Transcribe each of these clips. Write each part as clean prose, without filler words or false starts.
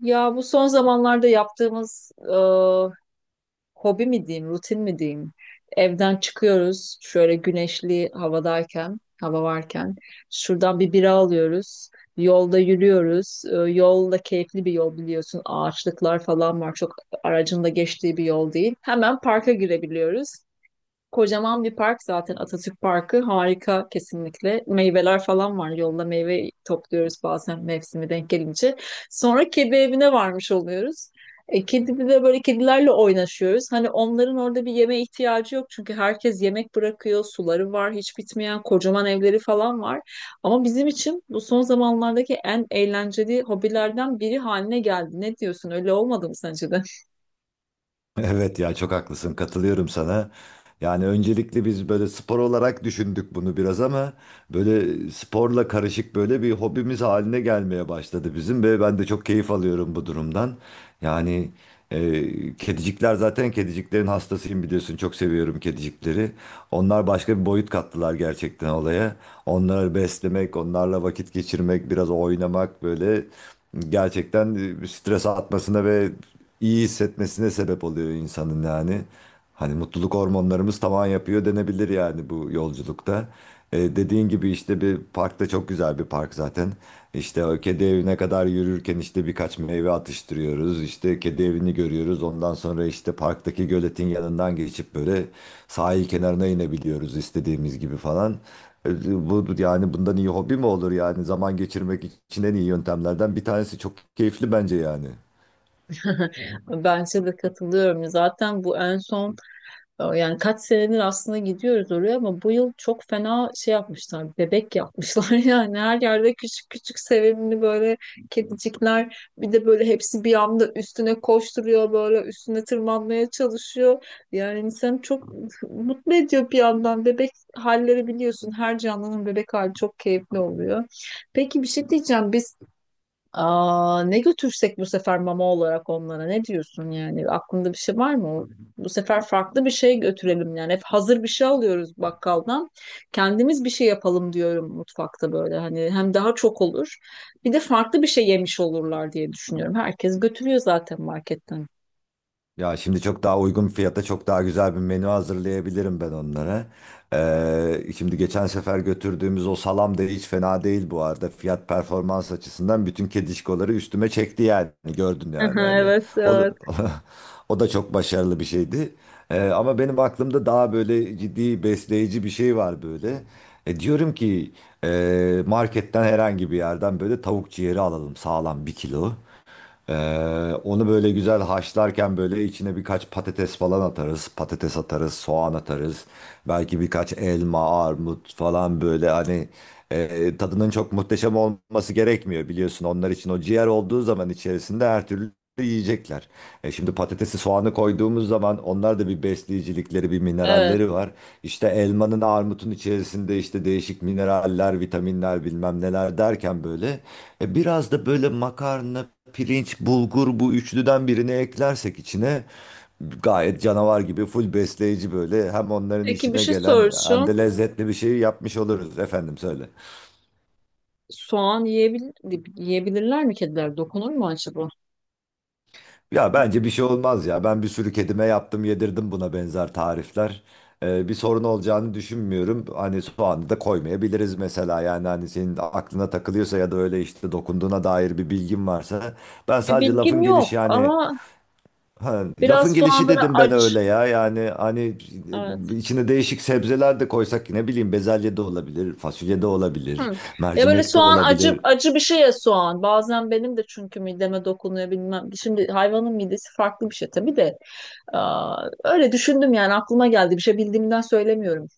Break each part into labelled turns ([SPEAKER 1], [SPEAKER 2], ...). [SPEAKER 1] Ya bu son zamanlarda yaptığımız hobi mi diyeyim, rutin mi diyeyim? Evden çıkıyoruz şöyle güneşli havadayken, hava varken. Şuradan bir bira alıyoruz. Yolda yürüyoruz. Yol da keyifli bir yol, biliyorsun. Ağaçlıklar falan var. Çok aracın da geçtiği bir yol değil. Hemen parka girebiliyoruz. Kocaman bir park zaten, Atatürk Parkı. Harika kesinlikle. Meyveler falan var. Yolda meyve topluyoruz bazen, mevsimi denk gelince. Sonra kedi evine varmış oluyoruz. E, kedi bir de böyle kedilerle oynaşıyoruz. Hani onların orada bir yeme ihtiyacı yok, çünkü herkes yemek bırakıyor. Suları var hiç bitmeyen. Kocaman evleri falan var. Ama bizim için bu son zamanlardaki en eğlenceli hobilerden biri haline geldi. Ne diyorsun? Öyle olmadı mı sence de?
[SPEAKER 2] Evet ya çok haklısın katılıyorum sana. Yani öncelikle biz böyle spor olarak düşündük bunu biraz ama böyle sporla karışık böyle bir hobimiz haline gelmeye başladı bizim ve ben de çok keyif alıyorum bu durumdan. Yani kedicikler zaten kediciklerin hastasıyım biliyorsun çok seviyorum kedicikleri. Onlar başka bir boyut kattılar gerçekten olaya. Onları beslemek, onlarla vakit geçirmek, biraz oynamak böyle gerçekten stres atmasına ve iyi hissetmesine sebep oluyor insanın yani. Hani mutluluk hormonlarımız tavan yapıyor denebilir yani bu yolculukta. Dediğin gibi işte bir parkta çok güzel bir park zaten. İşte o kedi evine kadar yürürken işte birkaç meyve atıştırıyoruz. İşte kedi evini görüyoruz. Ondan sonra işte parktaki göletin yanından geçip böyle sahil kenarına inebiliyoruz istediğimiz gibi falan. Bu yani bundan iyi hobi mi olur yani zaman geçirmek için en iyi yöntemlerden bir tanesi çok keyifli bence yani.
[SPEAKER 1] Bence de katılıyorum. Zaten bu en son. Yani kaç senedir aslında gidiyoruz oraya, ama bu yıl çok fena şey yapmışlar. Bebek yapmışlar. Yani her yerde küçük küçük sevimli böyle kedicikler. Bir de böyle hepsi bir anda üstüne koşturuyor, böyle üstüne tırmanmaya çalışıyor. Yani insanı çok mutlu ediyor bir yandan. Bebek halleri, biliyorsun, her canlının bebek hali çok keyifli oluyor. Peki, bir şey diyeceğim. Aa, ne götürsek bu sefer mama olarak onlara, ne diyorsun? Yani aklında bir şey var mı? Bu sefer farklı bir şey götürelim. Yani hep hazır bir şey alıyoruz bakkaldan, kendimiz bir şey yapalım diyorum mutfakta böyle. Hani hem daha çok olur, bir de farklı bir şey yemiş olurlar diye düşünüyorum. Herkes götürüyor zaten marketten.
[SPEAKER 2] Ya şimdi çok daha uygun fiyata çok daha güzel bir menü hazırlayabilirim ben onlara. Şimdi geçen sefer götürdüğümüz o salam da hiç fena değil bu arada. Fiyat performans açısından bütün kedişkoları üstüme çekti yani. Gördün yani
[SPEAKER 1] Aha,
[SPEAKER 2] hani.
[SPEAKER 1] evet,
[SPEAKER 2] O da,
[SPEAKER 1] evet.
[SPEAKER 2] o da çok başarılı bir şeydi. Ama benim aklımda daha böyle ciddi besleyici bir şey var böyle. Diyorum ki marketten herhangi bir yerden böyle tavuk ciğeri alalım sağlam bir kilo. Ee, onu böyle güzel haşlarken böyle içine birkaç patates falan atarız. Patates atarız, soğan atarız. Belki birkaç elma, armut falan böyle hani tadının çok muhteşem olması gerekmiyor biliyorsun. Onlar için o ciğer olduğu zaman içerisinde her türlü yiyecekler. Şimdi patatesi soğanı koyduğumuz zaman onlar da bir besleyicilikleri, bir mineralleri
[SPEAKER 1] Evet,
[SPEAKER 2] var. İşte elmanın, armutun içerisinde işte değişik mineraller, vitaminler bilmem neler derken böyle biraz da böyle makarna, pirinç, bulgur bu üçlüden birini eklersek içine gayet canavar gibi full besleyici böyle hem onların
[SPEAKER 1] peki bir
[SPEAKER 2] işine
[SPEAKER 1] şey
[SPEAKER 2] gelen hem de
[SPEAKER 1] soracağım.
[SPEAKER 2] lezzetli bir şey yapmış oluruz efendim söyle.
[SPEAKER 1] Soğan yiyebilirler mi kediler, dokunur mu acaba?
[SPEAKER 2] Ya bence bir şey olmaz ya ben bir sürü kedime yaptım yedirdim buna benzer tarifler. Bir sorun olacağını düşünmüyorum. Hani soğanı da koymayabiliriz mesela yani hani senin aklına takılıyorsa ya da öyle işte dokunduğuna dair bir bilgin varsa ben
[SPEAKER 1] Bir
[SPEAKER 2] sadece
[SPEAKER 1] bilgim
[SPEAKER 2] lafın
[SPEAKER 1] yok
[SPEAKER 2] gelişi yani.
[SPEAKER 1] ama
[SPEAKER 2] Ha, lafın
[SPEAKER 1] biraz soğan
[SPEAKER 2] gelişi
[SPEAKER 1] böyle
[SPEAKER 2] dedim ben
[SPEAKER 1] aç.
[SPEAKER 2] öyle ya. Yani hani
[SPEAKER 1] Evet.
[SPEAKER 2] içine değişik sebzeler de koysak ne bileyim bezelye de olabilir, fasulye de olabilir,
[SPEAKER 1] Hı. Ya böyle
[SPEAKER 2] mercimek de
[SPEAKER 1] soğan, acı
[SPEAKER 2] olabilir.
[SPEAKER 1] acı bir şey ya soğan. Bazen benim de çünkü mideme dokunuyor, bilmem. Şimdi hayvanın midesi farklı bir şey tabii de. Aa, öyle düşündüm yani, aklıma geldi. Bir şey bildiğimden söylemiyorum.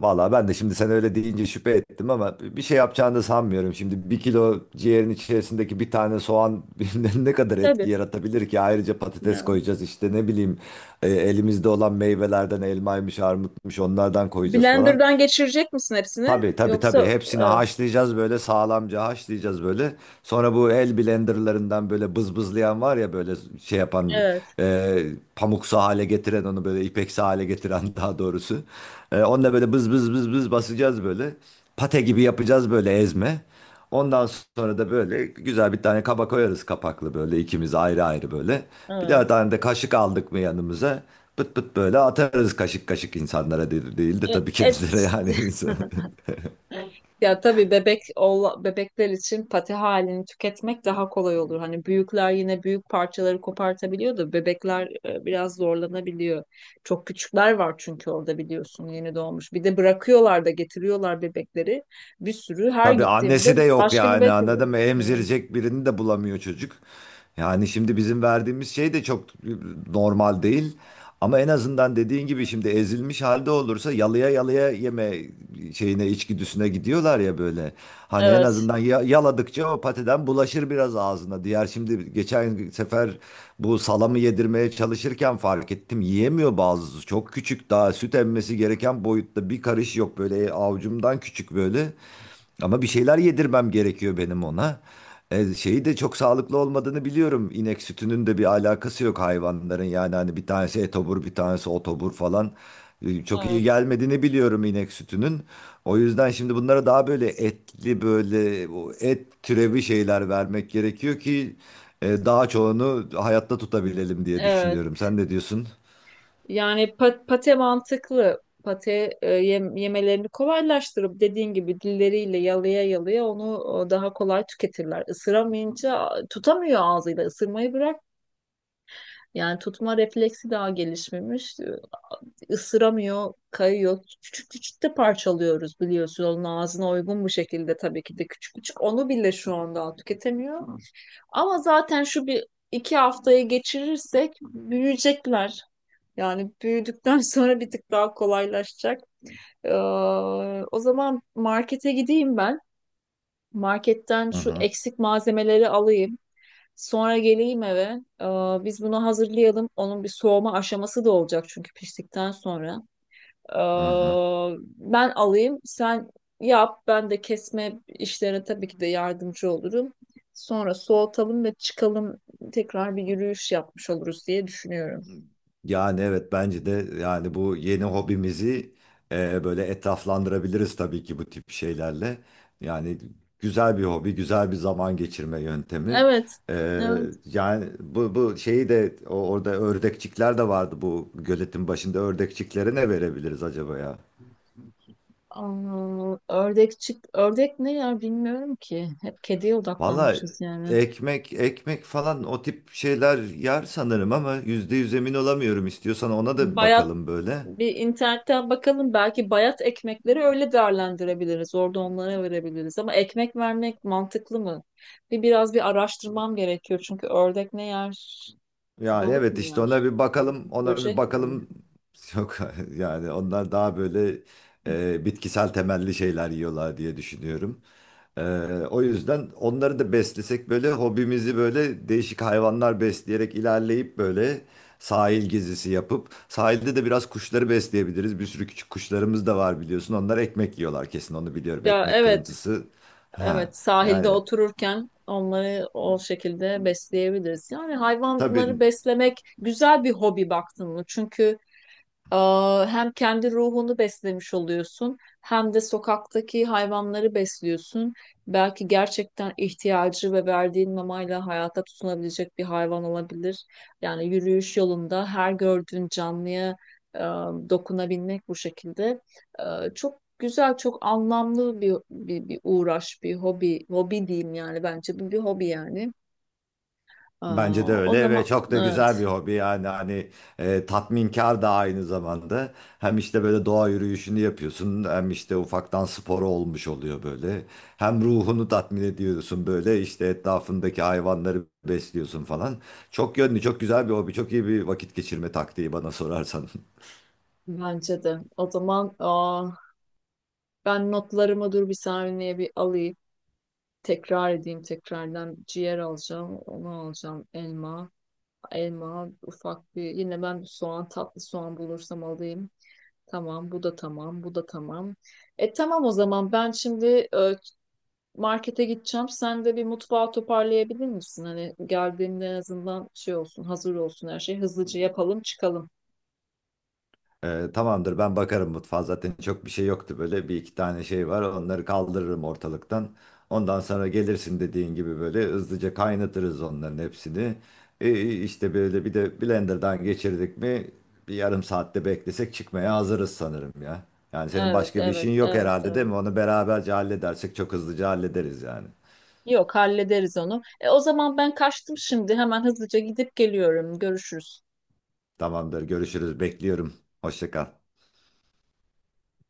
[SPEAKER 2] Valla ben de şimdi sen öyle deyince şüphe ettim ama bir şey yapacağını da sanmıyorum. Şimdi bir kilo ciğerin içerisindeki bir tane soğan ne kadar etki
[SPEAKER 1] Tabii.
[SPEAKER 2] yaratabilir ki? Ayrıca patates
[SPEAKER 1] Ya.
[SPEAKER 2] koyacağız işte ne bileyim elimizde olan meyvelerden elmaymış, armutmuş onlardan koyacağız falan.
[SPEAKER 1] Blender'dan geçirecek misin hepsini?
[SPEAKER 2] Tabii tabii tabii.
[SPEAKER 1] Yoksa
[SPEAKER 2] Hepsini haşlayacağız böyle sağlamca haşlayacağız böyle. Sonra bu el blenderlarından böyle bızbızlayan var ya böyle şey yapan
[SPEAKER 1] evet,
[SPEAKER 2] e, pamuksu hale getiren onu böyle ipeksi hale getiren daha doğrusu. Onunla böyle bız bız bız bız basacağız böyle. Pate gibi yapacağız böyle ezme. Ondan sonra da böyle güzel bir tane kaba koyarız kapaklı böyle ikimiz ayrı ayrı böyle. Bir daha
[SPEAKER 1] evet.
[SPEAKER 2] tane de kaşık aldık mı yanımıza? Pıt pıt böyle atarız kaşık kaşık insanlara değil, değil de
[SPEAKER 1] E,
[SPEAKER 2] tabii
[SPEAKER 1] et
[SPEAKER 2] kedilere yani insan.
[SPEAKER 1] Ya tabii, bebekler için pati halini tüketmek daha kolay olur. Hani büyükler yine büyük parçaları kopartabiliyor da bebekler biraz zorlanabiliyor. Çok küçükler var çünkü orada, biliyorsun, yeni doğmuş. Bir de bırakıyorlar da getiriyorlar bebekleri. Bir sürü, her
[SPEAKER 2] Tabii
[SPEAKER 1] gittiğimde
[SPEAKER 2] annesi de yok
[SPEAKER 1] başka bir
[SPEAKER 2] yani
[SPEAKER 1] bebek.
[SPEAKER 2] anladın mı?
[SPEAKER 1] Hmm.
[SPEAKER 2] Emzirecek birini de bulamıyor çocuk. Yani şimdi bizim verdiğimiz şey de çok normal değil. Ama en azından dediğin gibi şimdi ezilmiş halde olursa yalıya yalıya yeme şeyine içgüdüsüne gidiyorlar ya böyle. Hani en
[SPEAKER 1] Evet,
[SPEAKER 2] azından yaladıkça o patiden bulaşır biraz ağzına. Diğer şimdi geçen sefer bu salamı yedirmeye çalışırken fark ettim. Yiyemiyor bazısı. Çok küçük daha süt emmesi gereken boyutta bir karış yok böyle. Avucumdan küçük böyle. Ama bir şeyler yedirmem gerekiyor benim ona. Şeyi de çok sağlıklı olmadığını biliyorum. İnek sütünün de bir alakası yok hayvanların. Yani hani bir tanesi etobur, bir tanesi otobur falan. Çok iyi
[SPEAKER 1] evet.
[SPEAKER 2] gelmediğini biliyorum inek sütünün. O yüzden şimdi bunlara daha böyle etli böyle o et türevi şeyler vermek gerekiyor ki daha çoğunu hayatta
[SPEAKER 1] Hı.
[SPEAKER 2] tutabilelim diye
[SPEAKER 1] Evet.
[SPEAKER 2] düşünüyorum. Sen ne diyorsun?
[SPEAKER 1] Yani pate mantıklı. Pate yemelerini kolaylaştırıp, dediğin gibi, dilleriyle yalaya yalaya onu daha kolay tüketirler. Isıramayınca tutamıyor ağzıyla, ısırmayı bırak. Yani tutma refleksi daha gelişmemiş. Isıramıyor, kayıyor. Küçük küçük de parçalıyoruz, biliyorsun. Onun ağzına uygun bu şekilde, tabii ki de küçük küçük. Onu bile şu anda tüketemiyor. Ama zaten şu bir iki haftayı geçirirsek büyüyecekler. Yani büyüdükten sonra bir tık daha kolaylaşacak. Ee, O zaman markete gideyim ben. Marketten
[SPEAKER 2] Hı
[SPEAKER 1] şu
[SPEAKER 2] hı.
[SPEAKER 1] eksik malzemeleri alayım. Sonra geleyim eve. Ee, Biz bunu hazırlayalım. Onun bir soğuma aşaması da olacak çünkü piştikten sonra. Ee,
[SPEAKER 2] Hı hı.
[SPEAKER 1] Ben alayım, sen yap. Ben de kesme işlerine tabii ki de yardımcı olurum. Sonra soğutalım ve çıkalım, tekrar bir yürüyüş yapmış oluruz diye düşünüyorum.
[SPEAKER 2] Yani evet bence de yani bu yeni hobimizi böyle etraflandırabiliriz tabii ki bu tip şeylerle. Yani güzel bir hobi, güzel bir zaman geçirme yöntemi.
[SPEAKER 1] Evet,
[SPEAKER 2] E,
[SPEAKER 1] evet.
[SPEAKER 2] yani bu şeyi de orada ördekçikler de vardı bu göletin başında ördekçiklere ne verebiliriz acaba ya?
[SPEAKER 1] Aa, ördek çık. Ördek ne ya, bilmiyorum ki. Hep kediye
[SPEAKER 2] Valla
[SPEAKER 1] odaklanmışız yani.
[SPEAKER 2] ekmek ekmek falan o tip şeyler yer sanırım ama %100 emin olamıyorum. İstiyorsan ona da bir
[SPEAKER 1] Bayat
[SPEAKER 2] bakalım böyle.
[SPEAKER 1] bir internetten bakalım, belki bayat ekmekleri öyle değerlendirebiliriz. Orada onlara verebiliriz ama ekmek vermek mantıklı mı? Biraz bir araştırmam gerekiyor, çünkü ördek ne yer?
[SPEAKER 2] Yani
[SPEAKER 1] Balık
[SPEAKER 2] evet
[SPEAKER 1] mı
[SPEAKER 2] işte ona
[SPEAKER 1] yer?
[SPEAKER 2] bir bakalım, ona bir
[SPEAKER 1] Böcek mi?
[SPEAKER 2] bakalım. Yok yani onlar daha böyle bitkisel temelli şeyler yiyorlar diye düşünüyorum. E, o yüzden onları da beslesek böyle hobimizi böyle değişik hayvanlar besleyerek ilerleyip böyle sahil gezisi yapıp sahilde de biraz kuşları besleyebiliriz. Bir sürü küçük kuşlarımız da var biliyorsun. Onlar ekmek yiyorlar kesin onu biliyorum.
[SPEAKER 1] Ya,
[SPEAKER 2] Ekmek
[SPEAKER 1] evet.
[SPEAKER 2] kırıntısı. Ha,
[SPEAKER 1] Evet,
[SPEAKER 2] yani
[SPEAKER 1] sahilde otururken onları o şekilde besleyebiliriz. Yani hayvanları
[SPEAKER 2] tabii.
[SPEAKER 1] beslemek güzel bir hobi, baktın mı? Hem kendi ruhunu beslemiş oluyorsun, hem de sokaktaki hayvanları besliyorsun. Belki gerçekten ihtiyacı ve verdiğin mamayla hayata tutunabilecek bir hayvan olabilir. Yani yürüyüş yolunda her gördüğün canlıya e, dokunabilmek bu şekilde çok güzel, çok anlamlı bir uğraş, bir hobi diyeyim, yani bence bu bir hobi yani.
[SPEAKER 2] Bence de
[SPEAKER 1] Aa, o
[SPEAKER 2] öyle
[SPEAKER 1] zaman
[SPEAKER 2] ve çok da
[SPEAKER 1] evet,
[SPEAKER 2] güzel bir hobi yani hani tatminkar da aynı zamanda. Hem işte böyle doğa yürüyüşünü yapıyorsun hem işte ufaktan sporu olmuş oluyor böyle. Hem ruhunu tatmin ediyorsun böyle işte etrafındaki hayvanları besliyorsun falan. Çok yönlü çok güzel bir hobi çok iyi bir vakit geçirme taktiği bana sorarsan.
[SPEAKER 1] bence de. O zaman ben notlarımı, dur bir saniye, bir alayım. Tekrar edeyim tekrardan. Ciğer alacağım. Onu alacağım. Elma. Elma ufak bir. Yine ben tatlı soğan bulursam alayım. Tamam, bu da tamam. Bu da tamam. Tamam, o zaman ben şimdi e, markete gideceğim. Sen de bir mutfağı toparlayabilir misin? Hani geldiğinde en azından şey olsun, hazır olsun her şey. Hızlıca yapalım, çıkalım.
[SPEAKER 2] Tamamdır ben bakarım mutfağa zaten çok bir şey yoktu böyle bir iki tane şey var onları kaldırırım ortalıktan. Ondan sonra gelirsin dediğin gibi böyle hızlıca kaynatırız onların hepsini. İşte böyle bir de blenderdan geçirdik mi bir yarım saatte beklesek çıkmaya hazırız sanırım ya. Yani senin
[SPEAKER 1] Evet,
[SPEAKER 2] başka bir işin
[SPEAKER 1] evet,
[SPEAKER 2] yok
[SPEAKER 1] evet,
[SPEAKER 2] herhalde değil mi?
[SPEAKER 1] evet.
[SPEAKER 2] Onu beraberce halledersek çok hızlıca hallederiz yani.
[SPEAKER 1] Yok, hallederiz onu. O zaman ben kaçtım şimdi. Hemen hızlıca gidip geliyorum. Görüşürüz.
[SPEAKER 2] Tamamdır görüşürüz bekliyorum. Hoşça kal.